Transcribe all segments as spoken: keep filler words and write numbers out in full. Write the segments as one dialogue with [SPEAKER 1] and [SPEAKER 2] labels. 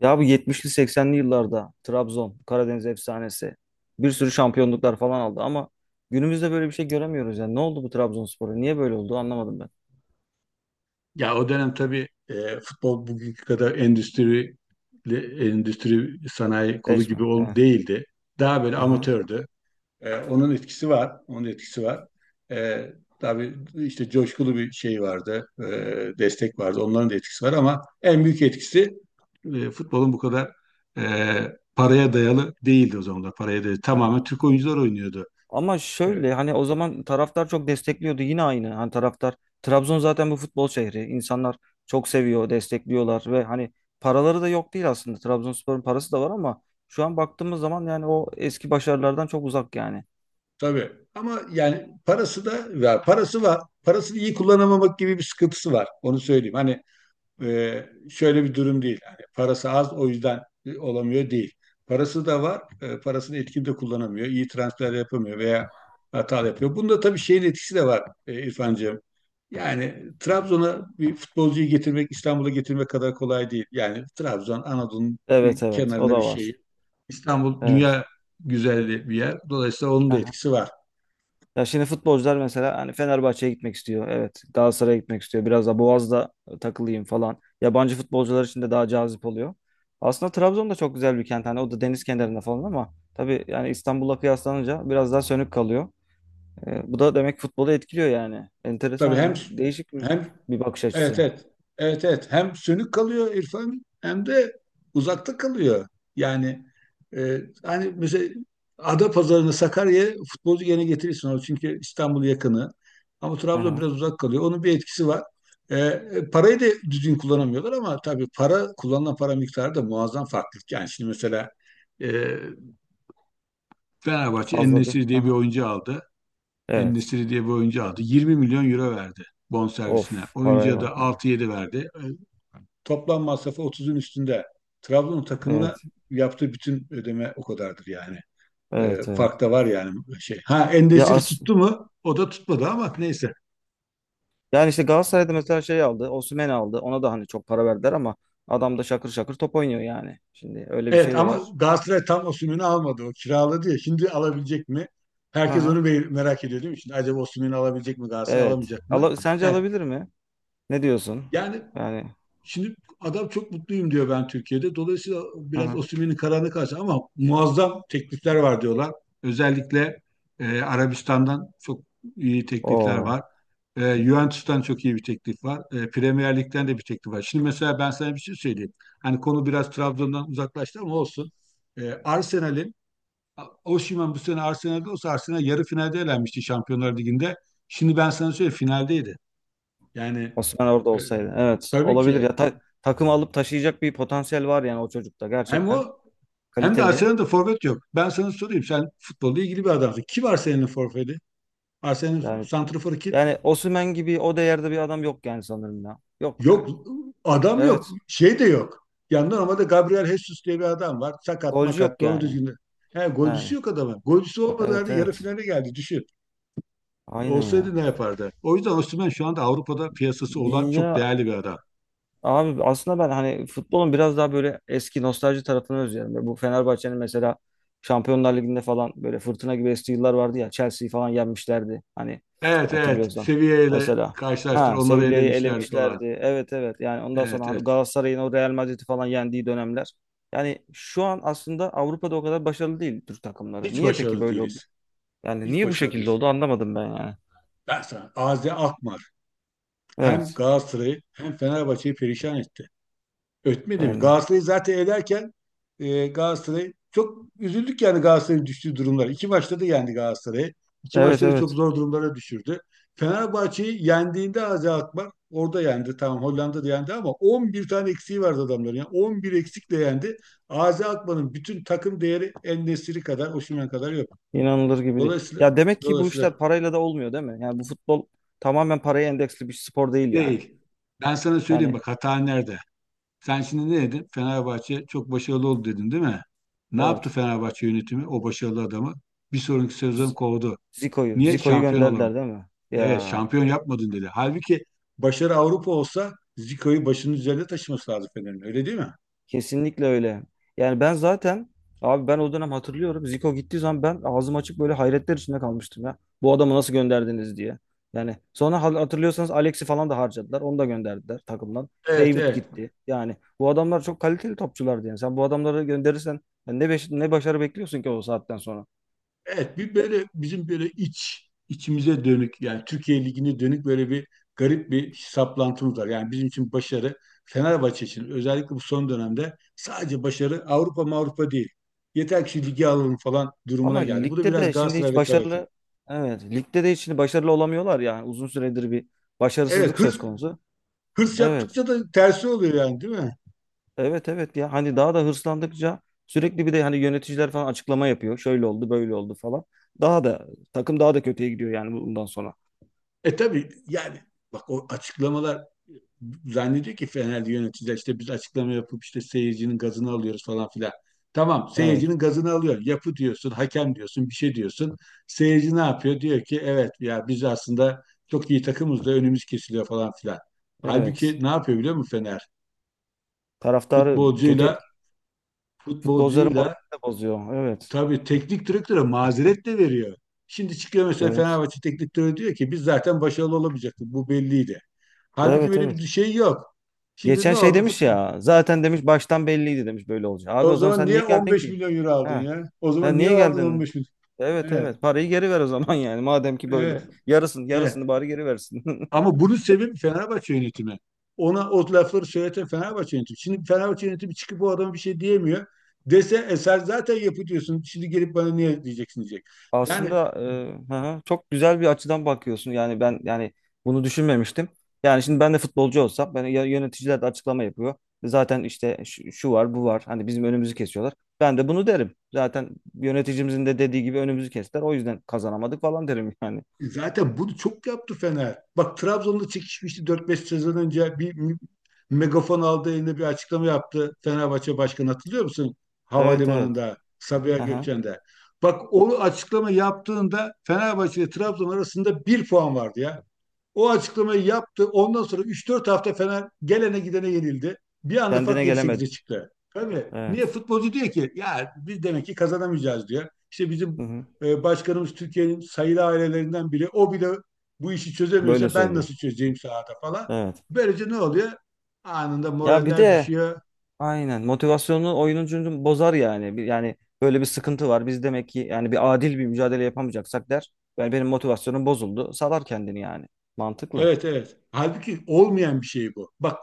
[SPEAKER 1] Ya bu yetmişli seksenli yıllarda Trabzon, Karadeniz efsanesi bir sürü şampiyonluklar falan aldı ama günümüzde böyle bir şey göremiyoruz yani. Ne oldu bu Trabzonspor'a? Niye böyle oldu anlamadım ben.
[SPEAKER 2] Ya o dönem tabii e, futbol bugünkü kadar endüstri endüstri sanayi kolu gibi
[SPEAKER 1] Değişme.
[SPEAKER 2] ol,
[SPEAKER 1] Evet.
[SPEAKER 2] değildi. Daha böyle
[SPEAKER 1] Aha.
[SPEAKER 2] amatördü. E, onun etkisi var. Onun etkisi var. E, tabii işte coşkulu bir şey vardı. E, destek vardı. Onların da etkisi var ama en büyük etkisi e, futbolun bu kadar e, paraya dayalı değildi o zamanlar. Paraya dayalı.
[SPEAKER 1] Evet.
[SPEAKER 2] Tamamen Türk oyuncular oynuyordu.
[SPEAKER 1] Ama şöyle, hani o zaman taraftar çok destekliyordu yine aynı. Hani taraftar, Trabzon zaten bu futbol şehri. İnsanlar çok seviyor, destekliyorlar ve hani paraları da yok değil aslında. Trabzonspor'un parası da var ama şu an baktığımız zaman yani o eski başarılardan çok uzak yani.
[SPEAKER 2] Tabii. Ama yani parası da, ya parası var. Parasını iyi kullanamamak gibi bir sıkıntısı var. Onu söyleyeyim. Hani e, şöyle bir durum değil. Hani parası az, o yüzden e, olamıyor değil. Parası da var. e, parasını etkin de kullanamıyor. İyi transfer yapamıyor veya hata yapıyor. Bunda tabii şeyin etkisi de var e, İrfancığım. Yani Trabzon'a bir futbolcuyu getirmek İstanbul'a getirmek kadar kolay değil. Yani Trabzon Anadolu'nun bir
[SPEAKER 1] Evet, evet, o
[SPEAKER 2] kenarında bir
[SPEAKER 1] da var.
[SPEAKER 2] şey. İstanbul
[SPEAKER 1] Evet.
[SPEAKER 2] dünya güzelliği bir yer. Dolayısıyla onun da etkisi var.
[SPEAKER 1] Ya şimdi futbolcular mesela hani Fenerbahçe'ye gitmek istiyor. Evet. Galatasaray'a gitmek istiyor. Biraz da Boğaz'da e, takılayım falan. Yabancı futbolcular için de daha cazip oluyor. Aslında Trabzon da çok güzel bir kent. Hani o da deniz kenarında falan ama tabii yani İstanbul'la kıyaslanınca biraz daha sönük kalıyor. Ee, bu da demek futbolu etkiliyor yani. Enteresan
[SPEAKER 2] Tabii, hem
[SPEAKER 1] ya. Değişik bir,
[SPEAKER 2] hem
[SPEAKER 1] bir bakış
[SPEAKER 2] evet,
[SPEAKER 1] açısı.
[SPEAKER 2] evet, evet, evet, hem sönük kalıyor İrfan, hem de uzakta kalıyor. Yani e, hani mesela Adapazarı'nı, Sakarya'ya futbolcu gene getirirsin, o çünkü İstanbul yakını, ama Trabzon
[SPEAKER 1] Aha,
[SPEAKER 2] biraz uzak kalıyor. Onun bir etkisi var. E, e, parayı da düzgün kullanamıyorlar, ama tabii para, kullanılan para miktarı da muazzam farklılık. Yani şimdi mesela e, Fenerbahçe en
[SPEAKER 1] fazla bir.
[SPEAKER 2] diye bir
[SPEAKER 1] Aha.
[SPEAKER 2] oyuncu aldı.
[SPEAKER 1] Evet.
[SPEAKER 2] En-Nesyri diye bir oyuncu aldı. yirmi milyon euro verdi bonservisine.
[SPEAKER 1] Of, paraya
[SPEAKER 2] Oyuncuya
[SPEAKER 1] bak
[SPEAKER 2] da
[SPEAKER 1] ya.
[SPEAKER 2] altı yedi verdi. E, Toplam masrafı otuzun üstünde. Trabzon takımına
[SPEAKER 1] Evet.
[SPEAKER 2] yaptığı bütün ödeme o kadardır yani. E,
[SPEAKER 1] Evet, evet.
[SPEAKER 2] fark da var yani şey. Ha,
[SPEAKER 1] Ya,
[SPEAKER 2] Endesiri
[SPEAKER 1] as
[SPEAKER 2] tuttu mu? O da tutmadı ama neyse.
[SPEAKER 1] yani işte Galatasaray'da mesela şey aldı. Osimhen aldı. Ona da hani çok para verdiler ama adam da şakır şakır top oynuyor yani. Şimdi öyle bir
[SPEAKER 2] Evet
[SPEAKER 1] şey de
[SPEAKER 2] ama
[SPEAKER 1] var.
[SPEAKER 2] Galatasaray tam Osimhen'i almadı. O kiraladı ya. Şimdi alabilecek mi? Herkes onu
[SPEAKER 1] Aha.
[SPEAKER 2] merak ediyor değil mi? Şimdi acaba Osimhen'i alabilecek mi, Galatasaray
[SPEAKER 1] Evet.
[SPEAKER 2] alamayacak mı?
[SPEAKER 1] Ala- sence
[SPEAKER 2] Evet.
[SPEAKER 1] alabilir mi? Ne diyorsun?
[SPEAKER 2] Yani
[SPEAKER 1] Yani,
[SPEAKER 2] şimdi adam çok mutluyum diyor, ben Türkiye'de. Dolayısıyla biraz
[SPEAKER 1] aha.
[SPEAKER 2] Osimhen'in kararına karşı, ama muazzam teklifler var diyorlar. Özellikle e, Arabistan'dan çok iyi teklifler
[SPEAKER 1] Oo.
[SPEAKER 2] var. E, Juventus'tan çok iyi bir teklif var. E, Premier Lig'den de bir teklif var. Şimdi mesela ben sana bir şey söyleyeyim. Hani konu biraz Trabzon'dan uzaklaştı ama olsun. E, Arsenal'in, Osimhen bu sene Arsenal'de olsa Arsenal yarı finalde elenmişti Şampiyonlar Ligi'nde. Şimdi ben sana söyleyeyim, finaldeydi. Yani
[SPEAKER 1] Osimhen orada
[SPEAKER 2] e,
[SPEAKER 1] olsaydı. Evet.
[SPEAKER 2] tabii
[SPEAKER 1] Olabilir
[SPEAKER 2] ki,
[SPEAKER 1] ya. Ta- takım alıp taşıyacak bir potansiyel var yani o çocukta.
[SPEAKER 2] hem o
[SPEAKER 1] Gerçekten
[SPEAKER 2] hem de
[SPEAKER 1] kaliteli.
[SPEAKER 2] Arsenal'da forvet yok. Ben sana sorayım. Sen futbolla ilgili bir adamsın. Kim Arsenal'in forveti? Arsenal'in
[SPEAKER 1] Yani
[SPEAKER 2] santraforu kim?
[SPEAKER 1] yani Osimhen gibi o değerde bir adam yok yani, sanırım ya. Yok
[SPEAKER 2] Yok.
[SPEAKER 1] yani.
[SPEAKER 2] Adam yok.
[SPEAKER 1] Evet.
[SPEAKER 2] Şey de yok. Yani normalde Gabriel Jesus diye bir adam var. Sakat
[SPEAKER 1] Golcü
[SPEAKER 2] makat.
[SPEAKER 1] yok
[SPEAKER 2] Doğru
[SPEAKER 1] yani.
[SPEAKER 2] düzgün. de- He, golcüsü
[SPEAKER 1] Yani.
[SPEAKER 2] yok adamın. Golcüsü olmadığı
[SPEAKER 1] Evet,
[SPEAKER 2] halde yarı
[SPEAKER 1] evet.
[SPEAKER 2] finale geldi. Düşün.
[SPEAKER 1] Aynen ya.
[SPEAKER 2] Olsaydı ne yapardı? O yüzden Osimhen şu anda Avrupa'da piyasası olan çok
[SPEAKER 1] Ya,
[SPEAKER 2] değerli bir adam.
[SPEAKER 1] abi, aslında ben hani futbolun biraz daha böyle eski nostalji tarafını özlüyorum. Böyle. Bu Fenerbahçe'nin mesela Şampiyonlar Ligi'nde falan böyle fırtına gibi estiği yıllar vardı ya. Chelsea'yi falan yenmişlerdi, hani,
[SPEAKER 2] Evet, evet.
[SPEAKER 1] hatırlıyorsan.
[SPEAKER 2] Seviyeyle
[SPEAKER 1] Mesela,
[SPEAKER 2] karşılaştır.
[SPEAKER 1] ha,
[SPEAKER 2] Onları
[SPEAKER 1] Sevilla'yı
[SPEAKER 2] elemişlerdi falan.
[SPEAKER 1] elemişlerdi. Evet, evet. Yani ondan sonra
[SPEAKER 2] Evet,
[SPEAKER 1] hani
[SPEAKER 2] evet.
[SPEAKER 1] Galatasaray'ın o Real Madrid'i falan yendiği dönemler. Yani şu an aslında Avrupa'da o kadar başarılı değil Türk takımları.
[SPEAKER 2] Hiç
[SPEAKER 1] Niye peki
[SPEAKER 2] başarılı
[SPEAKER 1] böyle oldu?
[SPEAKER 2] değiliz.
[SPEAKER 1] Yani
[SPEAKER 2] Hiç
[SPEAKER 1] niye bu
[SPEAKER 2] başarılı
[SPEAKER 1] şekilde
[SPEAKER 2] değiliz.
[SPEAKER 1] oldu anlamadım ben yani.
[SPEAKER 2] Ben sana ağzı akma. Hem
[SPEAKER 1] Evet.
[SPEAKER 2] Galatasaray'ı hem Fenerbahçe'yi perişan etti. Ötmedi mi?
[SPEAKER 1] Yani,
[SPEAKER 2] Galatasaray'ı zaten ederken e, Galatasaray, çok üzüldük yani Galatasaray'ın düştüğü durumlar. İki maçta da yendi Galatasaray'ı. İki
[SPEAKER 1] evet,
[SPEAKER 2] maçta da çok
[SPEAKER 1] evet.
[SPEAKER 2] zor durumlara düşürdü. Fenerbahçe'yi yendiğinde Azi Akbar orada yendi. Tamam, Hollanda'da yendi ama on bir tane eksiği vardı adamların. Yani on bir eksikle yendi. Azi Akbar'ın bütün takım değeri En-Nesyri kadar, Osimhen kadar yok.
[SPEAKER 1] İnanılır gibi değil.
[SPEAKER 2] Dolayısıyla
[SPEAKER 1] Ya, demek ki bu işler
[SPEAKER 2] dolayısıyla
[SPEAKER 1] parayla da olmuyor değil mi? Yani bu futbol tamamen paraya endeksli bir spor değil yani.
[SPEAKER 2] değil. Ben sana söyleyeyim
[SPEAKER 1] Yani,
[SPEAKER 2] bak, hata nerede? Sen şimdi ne dedin? Fenerbahçe çok başarılı oldu dedin değil mi? Ne yaptı
[SPEAKER 1] evet.
[SPEAKER 2] Fenerbahçe yönetimi o başarılı adamı? Bir sonraki sezon
[SPEAKER 1] Z-
[SPEAKER 2] kovdu.
[SPEAKER 1] Zico'yu,
[SPEAKER 2] Niye?
[SPEAKER 1] Zico'yu
[SPEAKER 2] Şampiyon
[SPEAKER 1] gönderdiler
[SPEAKER 2] olamadın.
[SPEAKER 1] değil mi? Ya,
[SPEAKER 2] Evet, şampiyon yapmadın dedi. Halbuki başarı Avrupa olsa Zico'yu başının üzerinde taşıması lazım Fener'in, öyle değil mi?
[SPEAKER 1] kesinlikle öyle. Yani ben zaten, abi, ben o dönem hatırlıyorum. Zico gittiği zaman ben ağzım açık böyle hayretler içinde kalmıştım ya. Bu adamı nasıl gönderdiniz diye. Yani sonra hal- hatırlıyorsanız Alex'i falan da harcadılar. Onu da gönderdiler takımdan.
[SPEAKER 2] Evet,
[SPEAKER 1] David
[SPEAKER 2] evet.
[SPEAKER 1] gitti. Yani bu adamlar çok kaliteli topçulardı yani. Sen bu adamları gönderirsen yani ne, beş- ne başarı bekliyorsun ki o saatten sonra?
[SPEAKER 2] Evet, bir böyle bizim böyle iç, içimize dönük yani Türkiye Ligi'ne dönük böyle bir garip bir saplantımız var. Yani bizim için başarı, Fenerbahçe için özellikle bu son dönemde, sadece başarı Avrupa, Avrupa değil. Yeter ki şu ligi alalım falan
[SPEAKER 1] Ama
[SPEAKER 2] durumuna geldi. Bu da
[SPEAKER 1] ligde
[SPEAKER 2] biraz
[SPEAKER 1] de şimdi
[SPEAKER 2] Galatasaray
[SPEAKER 1] hiç
[SPEAKER 2] rekabeti.
[SPEAKER 1] başarılı, evet, ligde de hiç şimdi başarılı olamıyorlar yani. Uzun süredir bir
[SPEAKER 2] Evet,
[SPEAKER 1] başarısızlık söz
[SPEAKER 2] hırs,
[SPEAKER 1] konusu.
[SPEAKER 2] hırs
[SPEAKER 1] Evet.
[SPEAKER 2] yaptıkça da tersi oluyor yani değil mi?
[SPEAKER 1] Evet, evet, ya, hani daha da hırslandıkça sürekli bir de hani yöneticiler falan açıklama yapıyor. Şöyle oldu, böyle oldu falan. Daha da takım daha da kötüye gidiyor yani bundan sonra.
[SPEAKER 2] E tabii yani, bak o açıklamalar, zannediyor ki Fenerli yöneticiler işte biz açıklama yapıp işte seyircinin gazını alıyoruz falan filan. Tamam,
[SPEAKER 1] Evet.
[SPEAKER 2] seyircinin gazını alıyor. Yapı diyorsun, hakem diyorsun, bir şey diyorsun. Seyirci ne yapıyor? Diyor ki evet ya, biz aslında çok iyi takımız da önümüz kesiliyor falan filan. Halbuki
[SPEAKER 1] Evet.
[SPEAKER 2] ne yapıyor biliyor musun Fener?
[SPEAKER 1] Taraftarı kötü
[SPEAKER 2] Futbolcuyla
[SPEAKER 1] etki. Futbolcuların
[SPEAKER 2] futbolcuyla
[SPEAKER 1] moralini de bozuyor. Evet.
[SPEAKER 2] tabii teknik direktöre mazeret de veriyor. Şimdi çıkıyor mesela,
[SPEAKER 1] Evet.
[SPEAKER 2] Fenerbahçe teknik direktörü diyor ki biz zaten başarılı olamayacaktık. Bu belliydi. Halbuki
[SPEAKER 1] Evet,
[SPEAKER 2] böyle bir
[SPEAKER 1] evet.
[SPEAKER 2] şey yok. Şimdi ne
[SPEAKER 1] Geçen şey
[SPEAKER 2] oldu?
[SPEAKER 1] demiş
[SPEAKER 2] Fut-
[SPEAKER 1] ya. Zaten demiş baştan belliydi demiş böyle olacak. Abi,
[SPEAKER 2] O
[SPEAKER 1] o zaman
[SPEAKER 2] zaman
[SPEAKER 1] sen
[SPEAKER 2] niye
[SPEAKER 1] niye geldin
[SPEAKER 2] on beş
[SPEAKER 1] ki?
[SPEAKER 2] milyon euro aldın
[SPEAKER 1] Ha.
[SPEAKER 2] ya? O zaman
[SPEAKER 1] Sen
[SPEAKER 2] niye
[SPEAKER 1] niye
[SPEAKER 2] aldın
[SPEAKER 1] geldin?
[SPEAKER 2] on beş milyon?
[SPEAKER 1] Evet,
[SPEAKER 2] Evet,
[SPEAKER 1] evet. Parayı geri ver o zaman yani. Madem ki böyle.
[SPEAKER 2] evet,
[SPEAKER 1] Yarısını yarısını
[SPEAKER 2] evet.
[SPEAKER 1] bari geri versin.
[SPEAKER 2] Ama bunun sebebi Fenerbahçe yönetimi. Ona o lafları söyleten Fenerbahçe yönetimi. Şimdi Fenerbahçe yönetimi çıkıp bu adama bir şey diyemiyor. Dese e sen zaten yapıyorsun. Şimdi gelip bana niye diyeceksin diyecek. Yani
[SPEAKER 1] Aslında, e, hı hı, çok güzel bir açıdan bakıyorsun. Yani ben, yani, bunu düşünmemiştim. Yani şimdi ben de futbolcu olsam, ben, ya- yöneticiler de açıklama yapıyor. Zaten işte şu, şu var, bu var. Hani bizim önümüzü kesiyorlar. Ben de bunu derim. Zaten yöneticimizin de dediği gibi önümüzü kestiler. O yüzden kazanamadık falan derim yani.
[SPEAKER 2] E, zaten bunu çok yaptı Fener. Bak, Trabzon'da çekişmişti dört beş sezon önce bir m- megafon aldı eline, bir açıklama yaptı Fenerbahçe Başkanı, hatırlıyor musun?
[SPEAKER 1] Evet, evet.
[SPEAKER 2] Havalimanında, Sabiha
[SPEAKER 1] Aha.
[SPEAKER 2] Gökçen'de. Bak, o açıklama yaptığında Fenerbahçe ile Trabzon arasında bir puan vardı ya. O açıklamayı yaptı. Ondan sonra üç dört hafta Fener gelene gidene yenildi. Bir anda fark
[SPEAKER 1] Kendine
[SPEAKER 2] yedi sekize
[SPEAKER 1] gelemedi.
[SPEAKER 2] çıktı. Tabii. Niye?
[SPEAKER 1] Evet.
[SPEAKER 2] Futbolcu diyor ki ya biz demek ki kazanamayacağız diyor. İşte
[SPEAKER 1] Hı
[SPEAKER 2] bizim
[SPEAKER 1] hı.
[SPEAKER 2] e, başkanımız Türkiye'nin sayılı ailelerinden biri. O bile bu işi
[SPEAKER 1] Böyle
[SPEAKER 2] çözemiyorsa ben
[SPEAKER 1] söylüyor.
[SPEAKER 2] nasıl çözeceğim sahada falan.
[SPEAKER 1] Evet.
[SPEAKER 2] Böylece ne oluyor? Anında
[SPEAKER 1] Ya, bir
[SPEAKER 2] moraller
[SPEAKER 1] de,
[SPEAKER 2] düşüyor.
[SPEAKER 1] aynen. Motivasyonunu oyuncunun bozar yani. Bir- Yani böyle bir sıkıntı var. Biz demek ki yani, bir adil bir mücadele yapamayacaksak der. Yani benim motivasyonum bozuldu. Salar kendini yani. Mantıklı.
[SPEAKER 2] Evet, evet. Halbuki olmayan bir şey bu. Bak,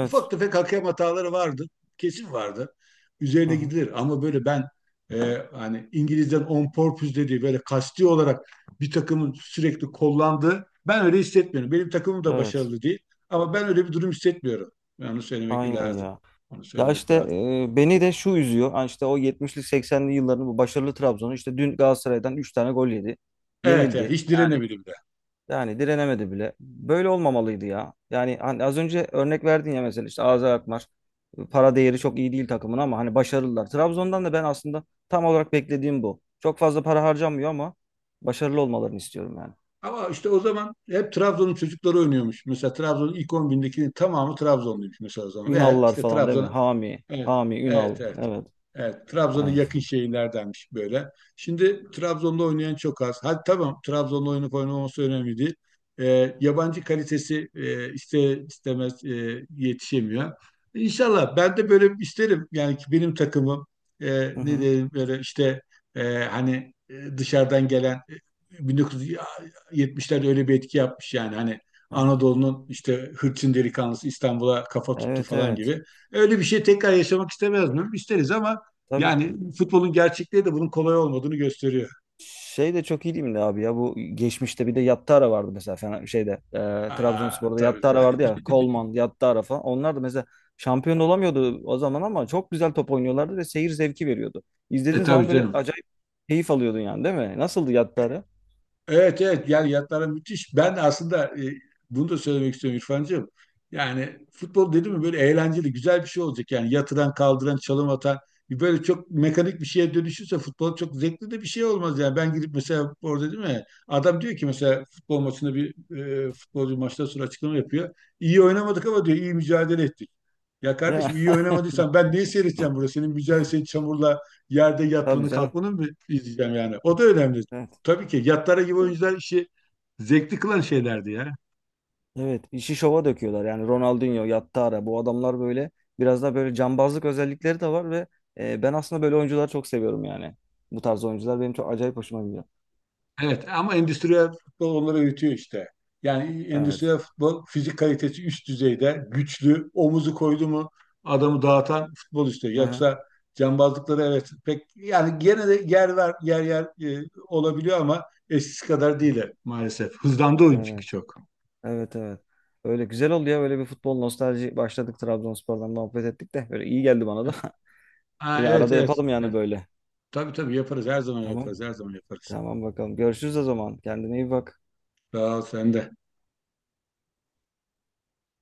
[SPEAKER 2] ufak tefek hakem hataları vardı. Kesin vardı.
[SPEAKER 1] Hı
[SPEAKER 2] Üzerine
[SPEAKER 1] hı.
[SPEAKER 2] gidilir, ama böyle ben e, hani İngiliz'den on purpose dediği böyle kasti olarak bir takımın sürekli kollandığı, ben öyle hissetmiyorum. Benim takımım da
[SPEAKER 1] Evet.
[SPEAKER 2] başarılı değil ama ben öyle bir durum hissetmiyorum. Yani onu söylemek
[SPEAKER 1] Aynen
[SPEAKER 2] lazım.
[SPEAKER 1] ya.
[SPEAKER 2] Onu
[SPEAKER 1] Ya
[SPEAKER 2] söylemek
[SPEAKER 1] işte,
[SPEAKER 2] lazım.
[SPEAKER 1] e, beni de şu üzüyor. Hani işte o yetmişli seksenli yılların bu başarılı Trabzon'u işte dün Galatasaray'dan üç tane gol yedi.
[SPEAKER 2] Evet, evet,
[SPEAKER 1] Yenildi.
[SPEAKER 2] hiç
[SPEAKER 1] Yani
[SPEAKER 2] direnemedim de.
[SPEAKER 1] Yani direnemedi bile. Böyle olmamalıydı ya. Yani hani az önce örnek verdin ya, mesela işte Azer Akmar. Para değeri çok iyi değil takımın ama hani başarılılar. Trabzon'dan da ben aslında tam olarak beklediğim bu. Çok fazla para harcanmıyor ama başarılı olmalarını istiyorum yani.
[SPEAKER 2] Ama işte o zaman hep Trabzon'un çocukları oynuyormuş. Mesela Trabzon'un ilk on bindekinin tamamı Trabzonluymuş mesela o zaman. Veya
[SPEAKER 1] Ünallar
[SPEAKER 2] işte
[SPEAKER 1] falan değil mi?
[SPEAKER 2] Trabzon'a,
[SPEAKER 1] Hami,
[SPEAKER 2] Evet,
[SPEAKER 1] Hami,
[SPEAKER 2] evet,
[SPEAKER 1] Ünal.
[SPEAKER 2] evet.
[SPEAKER 1] Evet,
[SPEAKER 2] Evet, Trabzon'a
[SPEAKER 1] evet.
[SPEAKER 2] yakın şehirlerdenmiş böyle. Şimdi Trabzon'da oynayan çok az. Hadi tamam, Trabzon'da oynayıp oynamaması önemli değil. Ee, yabancı kalitesi e, iste istemez e, yetişemiyor. İnşallah ben de böyle isterim. Yani ki benim takımım, e,
[SPEAKER 1] Hı
[SPEAKER 2] ne
[SPEAKER 1] hı,
[SPEAKER 2] diyeyim böyle işte, e, hani e, dışarıdan gelen, e, bin dokuz yüz yetmişlerde öyle bir etki yapmış yani hani,
[SPEAKER 1] hı hı.
[SPEAKER 2] Anadolu'nun işte hırçın delikanlısı İstanbul'a kafa tuttu
[SPEAKER 1] Evet,
[SPEAKER 2] falan
[SPEAKER 1] evet.
[SPEAKER 2] gibi. Öyle bir şey tekrar yaşamak istemez miyim? İsteriz ama
[SPEAKER 1] Tabii ki.
[SPEAKER 2] yani futbolun gerçekliği de bunun kolay olmadığını gösteriyor.
[SPEAKER 1] Şey de çok ilimli abi ya, bu geçmişte bir de Yattara vardı mesela, Fena- şeyde, e,
[SPEAKER 2] Aa,
[SPEAKER 1] Trabzonspor'da
[SPEAKER 2] tabii,
[SPEAKER 1] Yattara vardı
[SPEAKER 2] tabii.
[SPEAKER 1] ya, Coleman, Yattara falan, onlar da mesela şampiyon olamıyordu o zaman ama çok güzel top oynuyorlardı ve seyir zevki veriyordu.
[SPEAKER 2] E,
[SPEAKER 1] İzlediğin
[SPEAKER 2] tabii
[SPEAKER 1] zaman böyle
[SPEAKER 2] canım.
[SPEAKER 1] acayip keyif alıyordun yani, değil mi? Nasıldı Yattara?
[SPEAKER 2] Evet, evet, yani yatlara müthiş. Ben aslında e, bunu da söylemek istiyorum İrfancığım. Yani futbol dedim mi böyle eğlenceli, güzel bir şey olacak. Yani yatıran kaldıran çalım atan, böyle çok mekanik bir şeye dönüşürse futbol çok zevkli de bir şey olmaz yani. Ben gidip mesela, orada değil mi? Adam diyor ki mesela, futbol maçında bir e, futbolcu maçtan sonra açıklama yapıyor. İyi oynamadık ama diyor iyi mücadele ettik. Ya
[SPEAKER 1] Ya,
[SPEAKER 2] kardeşim, iyi oynamadıysan ben neyi seyredeceğim burada? Senin mücadele, senin çamurla yerde
[SPEAKER 1] tabii
[SPEAKER 2] yatmanı
[SPEAKER 1] canım.
[SPEAKER 2] kalkmanı mı izleyeceğim yani? O da önemli.
[SPEAKER 1] Evet.
[SPEAKER 2] Tabii ki, yatlara gibi oyuncular işi zevkli kılan şeylerdi ya.
[SPEAKER 1] Evet, işi şova döküyorlar yani. Ronaldinho, Yattara, bu adamlar böyle biraz da böyle cambazlık özellikleri de var ve e, ben aslında böyle oyuncuları çok seviyorum yani. Bu tarz oyuncular benim çok acayip hoşuma gidiyor.
[SPEAKER 2] Evet, ama endüstriyel futbol onları öğütüyor işte. Yani
[SPEAKER 1] Evet.
[SPEAKER 2] endüstriyel futbol, fizik kalitesi üst düzeyde, güçlü, omuzu koydu mu adamı dağıtan futbol işte. Yoksa cambazlıkları, evet pek yani gene de yer ver yer yer e, olabiliyor ama eskisi kadar
[SPEAKER 1] Aha.
[SPEAKER 2] değil maalesef. Hızlandı oyun çünkü
[SPEAKER 1] Evet.
[SPEAKER 2] çok.
[SPEAKER 1] Evet, evet. Öyle güzel oldu ya, böyle bir futbol nostalji başladık, Trabzonspor'dan muhabbet ettik de böyle iyi geldi bana da.
[SPEAKER 2] Ha,
[SPEAKER 1] Yine
[SPEAKER 2] evet,
[SPEAKER 1] arada
[SPEAKER 2] evet,
[SPEAKER 1] yapalım yani
[SPEAKER 2] evet.
[SPEAKER 1] böyle.
[SPEAKER 2] Tabii, tabii, yaparız her zaman,
[SPEAKER 1] Tamam.
[SPEAKER 2] yaparız her zaman, yaparız.
[SPEAKER 1] Tamam bakalım. Görüşürüz o zaman. Kendine iyi bak.
[SPEAKER 2] Sağ ol, sen de.